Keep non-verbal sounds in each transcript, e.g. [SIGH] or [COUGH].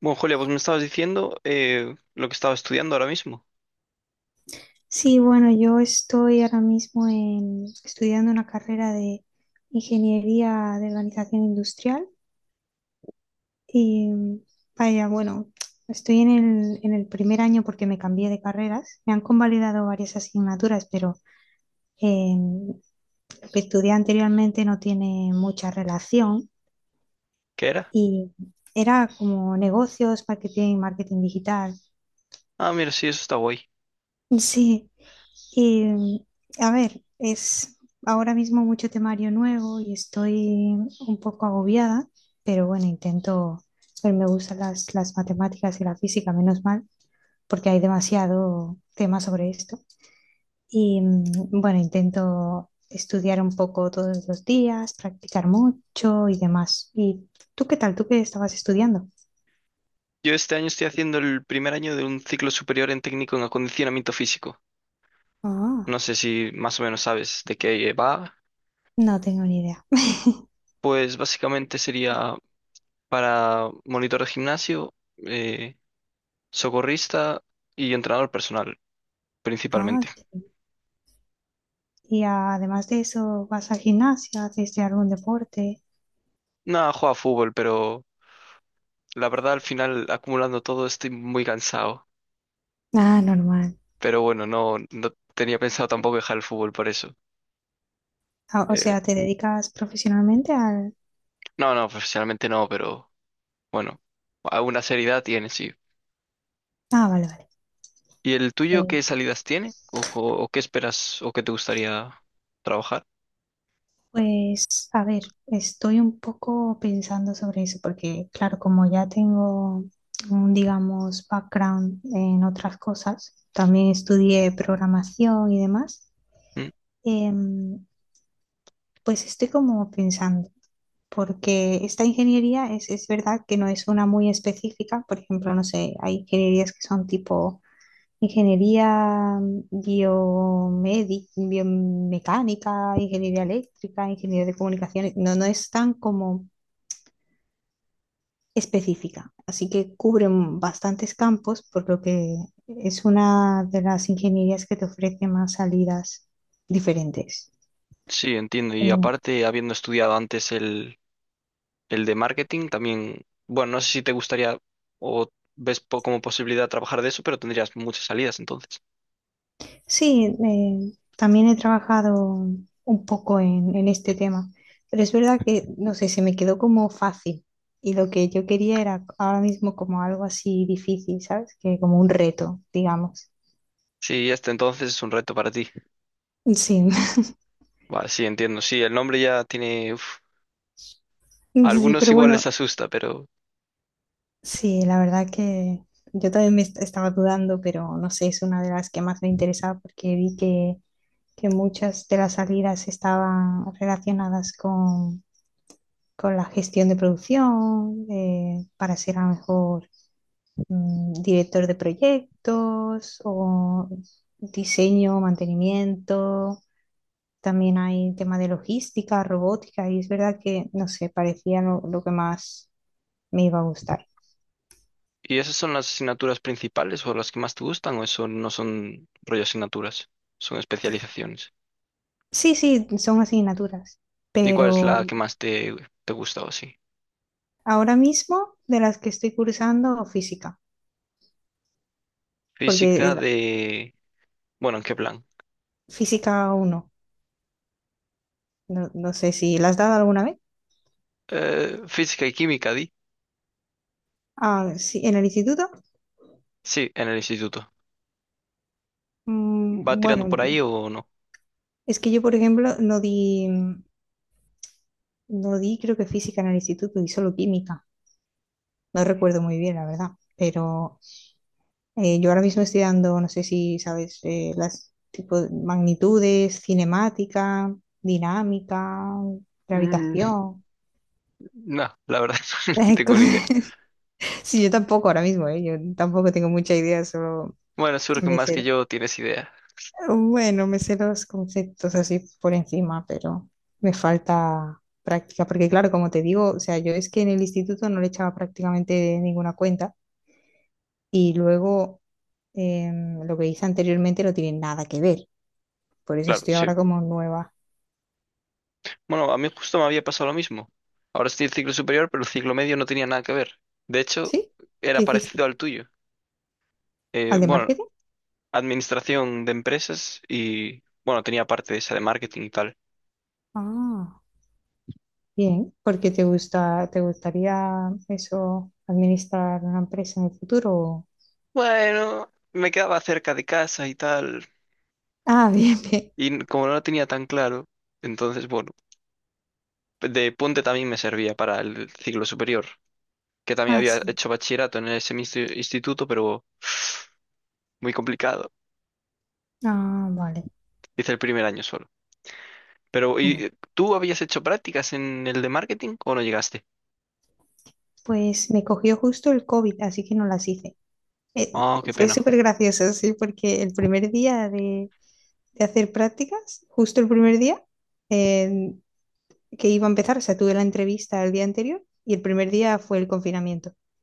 Bueno, Julia, pues me estabas diciendo lo que estaba estudiando ahora mismo. Sí, bueno, yo estoy ahora mismo estudiando una carrera de ingeniería de organización industrial y vaya, bueno, estoy en el primer año porque me cambié de carreras. Me han convalidado varias asignaturas, pero eh, lo que estudié anteriormente no tiene mucha relación ¿Qué era? y era como negocios, marketing, marketing digital. Ah, mira, sí, eso está guay. Sí, y a ver, es ahora mismo mucho temario nuevo y estoy un poco agobiada, pero bueno, intento, pero me gustan las matemáticas y la física, menos mal, porque hay demasiado tema sobre esto. Y bueno, intento estudiar un poco todos los días, practicar mucho y demás. ¿Y tú qué tal? ¿Tú qué estabas estudiando? Yo este año estoy haciendo el primer año de un ciclo superior en técnico en acondicionamiento físico. Ah, No sé si más o menos sabes de qué va. no tengo ni idea. [LAUGHS] Pues básicamente sería para monitor de gimnasio, eh, socorrista y entrenador personal, Ah. principalmente. Y además de eso, ¿vas al gimnasio? ¿Haces de algún deporte? Nada, juega fútbol, pero la verdad al final acumulando todo estoy muy cansado. Ah, normal. Pero bueno, no, no tenía pensado tampoco dejar el fútbol por eso. Ah, o Eh, sea, ¿te dedicas profesionalmente al...? no, no, profesionalmente no, pero bueno, alguna seriedad tiene, sí. Ah, vale, vale. ¿Y el tuyo Sí. qué salidas tiene? ¿O o qué esperas o qué te gustaría trabajar? Pues, a ver, estoy un poco pensando sobre eso porque, claro, como ya tengo un, digamos, background en otras cosas, también estudié programación y demás, ¿Mm? em, pues estoy como pensando. Porque esta ingeniería es verdad que no es una muy específica, por ejemplo, no sé, hay ingenierías que son tipo ingeniería biomédica, biomecánica, ingeniería eléctrica, ingeniería de comunicaciones, no, no es tan como específica, así que cubren bastantes campos, por lo que es una de las ingenierías que te ofrece más salidas diferentes. Sí, entiendo. Y Eh, aparte, habiendo estudiado antes el de marketing también, bueno, no sé si te gustaría o ves como posibilidad trabajar de eso, pero tendrías muchas salidas entonces. Sí, también he trabajado un poco en este tema, pero es verdad que, no sé, se me quedó como fácil y lo que yo quería era ahora mismo como algo así difícil, ¿sabes? Que como un reto, digamos. Sí, este entonces es un reto para ti. Sí, [LAUGHS] Va, sí, entiendo. Sí, el nombre ya tiene, uf, a sí, algunos pero igual bueno, les asusta. Pero... sí, la verdad que yo también me estaba dudando, pero no sé, es una de las que más me interesaba porque vi que muchas de las salidas estaban relacionadas con la gestión de producción, para ser a lo mejor director de proyectos o diseño, mantenimiento. También hay tema de logística, robótica, y es verdad que, no sé, parecía lo que más me iba a gustar. ¿Y esas son las asignaturas principales o las que más te gustan o eso no son rollo asignaturas? Son especializaciones. Sí, sí, son asignaturas, ¿Y cuál es pero la que más te, te gusta o así? ahora mismo de las que estoy cursando, física, porque Física de. Bueno, ¿en qué plan? física uno no sé si la has dado alguna vez. Física y química, di. Ah, sí, en el instituto. Sí, en el instituto. ¿Va Bueno, tirando por ahí o no? es que yo, por ejemplo, no di, creo que física en el instituto, di solo química. No recuerdo muy bien, la verdad. Pero yo ahora mismo estoy dando, no sé si sabes, las tipo de magnitudes, cinemática, dinámica, Mm. [LAUGHS] gravitación. No, la verdad, [LAUGHS] [LAUGHS] no Esas tengo ni idea. cosas. Sí, yo tampoco ahora mismo, yo tampoco tengo mucha idea, solo Bueno, seguro que me más que sé yo tienes idea. Bueno, me sé los conceptos así por encima, pero me falta práctica, porque claro, como te digo, o sea, yo es que en el instituto no le echaba prácticamente ninguna cuenta y luego lo que hice anteriormente no tiene nada que ver, por eso Claro, estoy ahora sí. como nueva. Bueno, a mí justo me había pasado lo mismo. Ahora estoy en ciclo superior, pero el ciclo medio no tenía nada que ver. De hecho, ¿Sí? ¿Qué era hiciste? parecido al tuyo. ¿Al Eh, de bueno, marketing? administración de empresas y, bueno, tenía parte de esa de marketing y tal. Ah, bien, porque te gusta, te gustaría eso, administrar una empresa en el futuro. Bueno, me quedaba cerca de casa y tal. Ah, [LAUGHS] bien, bien. Y como no lo tenía tan claro, entonces, bueno, de puente también me servía para el ciclo superior. Que también Ah, había sí. hecho bachillerato en ese mismo instituto, pero muy complicado. Ah, vale. Hice el primer año solo. Pero, Bueno. ¿y tú habías hecho prácticas en el de marketing o no llegaste? Pues me cogió justo el COVID, así que no las hice. Eh, Oh, qué fue pena. súper gracioso, sí, porque el primer día de hacer prácticas, justo el primer día eh, que iba a empezar, o sea, tuve la entrevista el día anterior y el primer día fue el confinamiento. [LAUGHS]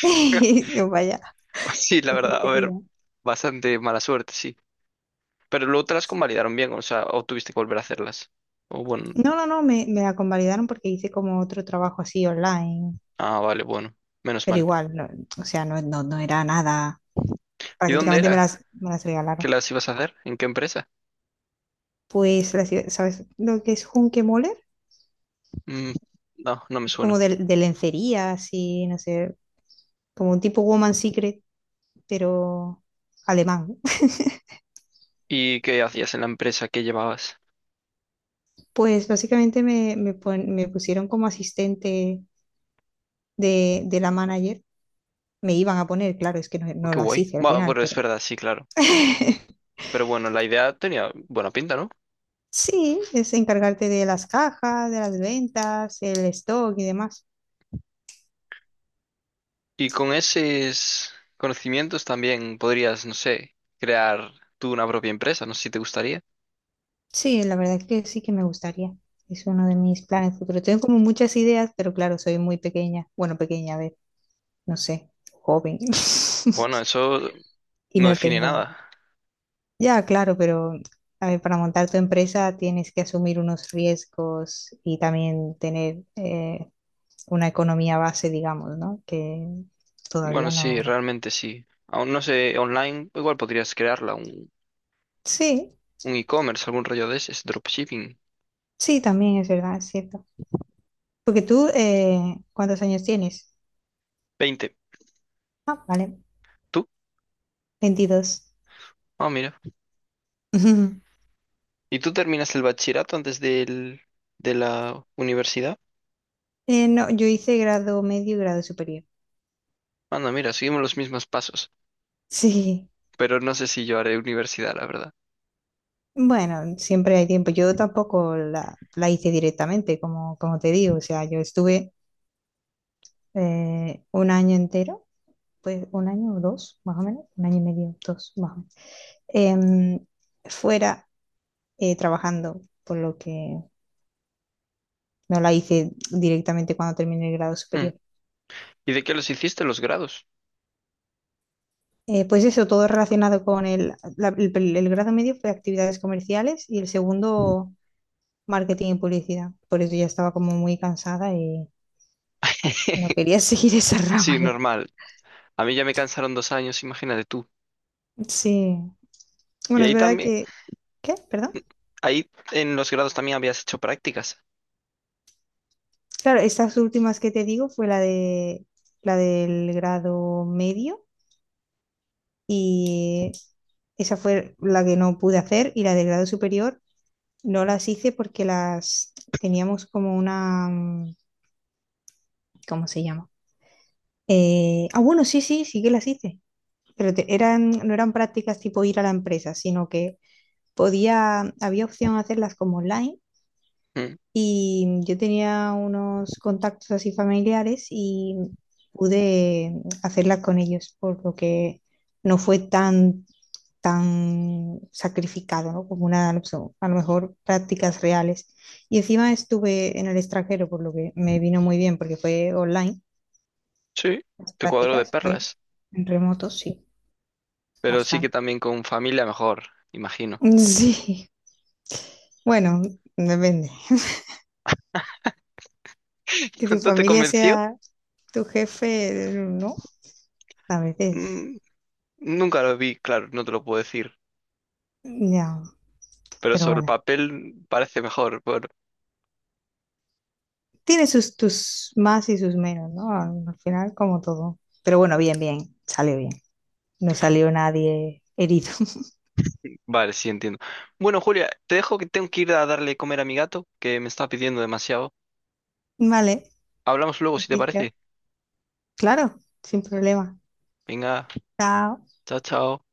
Y yo, vaya, [LAUGHS] Sí, la qué verdad, a ver, puntería. bastante mala suerte, sí. Pero luego te las convalidaron bien, o sea, o tuviste que volver a hacerlas. O bueno, No, no, no, me la convalidaron porque hice como otro trabajo así online, ah, vale, bueno, menos pero mal. igual, o sea, no, no, no era nada, ¿Y dónde prácticamente me era las, me las que regalaron. las ibas a hacer? ¿En qué empresa? Pues, ¿sabes lo que es Hunkemöller? Mm, no, no me Es como suena. de lencería, así, no sé, como un tipo Woman Secret, pero alemán. [LAUGHS] ¿Y qué hacías en la empresa que llevabas? Pues básicamente me pusieron como asistente de la manager. Me iban a poner, claro, es que no, Oh, no qué las guay. hice al Bueno, final, bueno, es pero verdad, sí, claro. [LAUGHS] Pero bueno, la idea tenía buena pinta, ¿no? sí, es encargarte de las cajas, de las ventas, el stock y demás. Y con esos conocimientos también podrías, no sé, crear tú una propia empresa, no sé si te gustaría. Sí, la verdad es que sí que me gustaría. Es uno de mis planes futuros. Tengo como muchas ideas, pero claro, soy muy pequeña. Bueno, pequeña, a ver, no sé, joven. Bueno, [LAUGHS] eso Y no no define tengo. nada. Ya, claro, pero a ver, para montar tu empresa tienes que asumir unos riesgos y también tener una economía base, digamos, ¿no? Que Bueno, todavía sí, no. realmente sí. Aún no sé, online igual podrías crearla, Sí, un e-commerce, algún rollo de ese, es dropshipping. sí, también es verdad, es cierto. Porque tú, ¿cuántos años tienes? 20. Ah, vale, ¿Tú? 22. Ah, mira. [LAUGHS] ¿Y tú terminas el bachillerato antes del, de la universidad? No, yo hice grado medio y grado superior. [LAUGHS] Anda, mira, seguimos los mismos pasos. Sí, Pero no sé si yo haré universidad, la verdad. bueno, siempre hay tiempo. Yo tampoco la hice directamente, como te digo. O sea, yo estuve un año entero, pues un año o dos, más o menos, un año y medio, dos, más o menos, em, fuera trabajando, por lo que no la hice directamente cuando terminé el grado Hmm. superior. ¿Y de qué los hiciste los grados? Pues eso, todo relacionado con el grado medio fue actividades comerciales y el segundo marketing y publicidad. Por eso ya estaba como muy cansada y no [LAUGHS] quería [LAUGHS] seguir esa Sí, rama ya. normal. A mí ya me cansaron 2 años, imagínate tú. Sí. Y Bueno, es ahí verdad también, que... ¿Qué? ¿Perdón? ahí en los grados también habías hecho prácticas. Claro, estas últimas que te digo fue la del grado medio y esa fue la que no pude hacer y la del grado superior no las hice porque las teníamos como una, ¿cómo se llama? Ah, bueno, sí, sí, sí que las hice, pero eran, no eran prácticas tipo ir a la empresa, sino que podía, había opción a hacerlas como online. Mm. Y yo tenía unos contactos así familiares y pude hacerla con ellos, por lo que no fue tan sacrificado, ¿no? Como una, opción, a lo mejor prácticas reales. Y encima estuve en el extranjero, por lo que me vino muy bien, porque fue online, Sí, las te cuadro de prácticas, fue perlas. en remoto, sí, Pero sí que bastante. también con familia mejor, imagino. [LAUGHS] Sí, bueno, depende. [LAUGHS] Que tu [LAUGHS] ¿No te familia convenció? sea tu jefe, no, a veces. Mm. Nunca lo vi, claro, no te lo puedo decir. Ya, Pero pero sobre el bueno, papel parece mejor. Tiene sus tus más y sus menos, ¿no? Al final, como todo. Pero bueno, bien, bien, salió bien. No salió nadie herido. [LAUGHS] Vale, sí, entiendo. Bueno, Julia, te dejo que tengo que ir a darle comer a mi gato, que me está pidiendo demasiado. Vale, Hablamos luego, si te perfecto. parece. Claro, sin problema. Venga, Chao. chao, chao.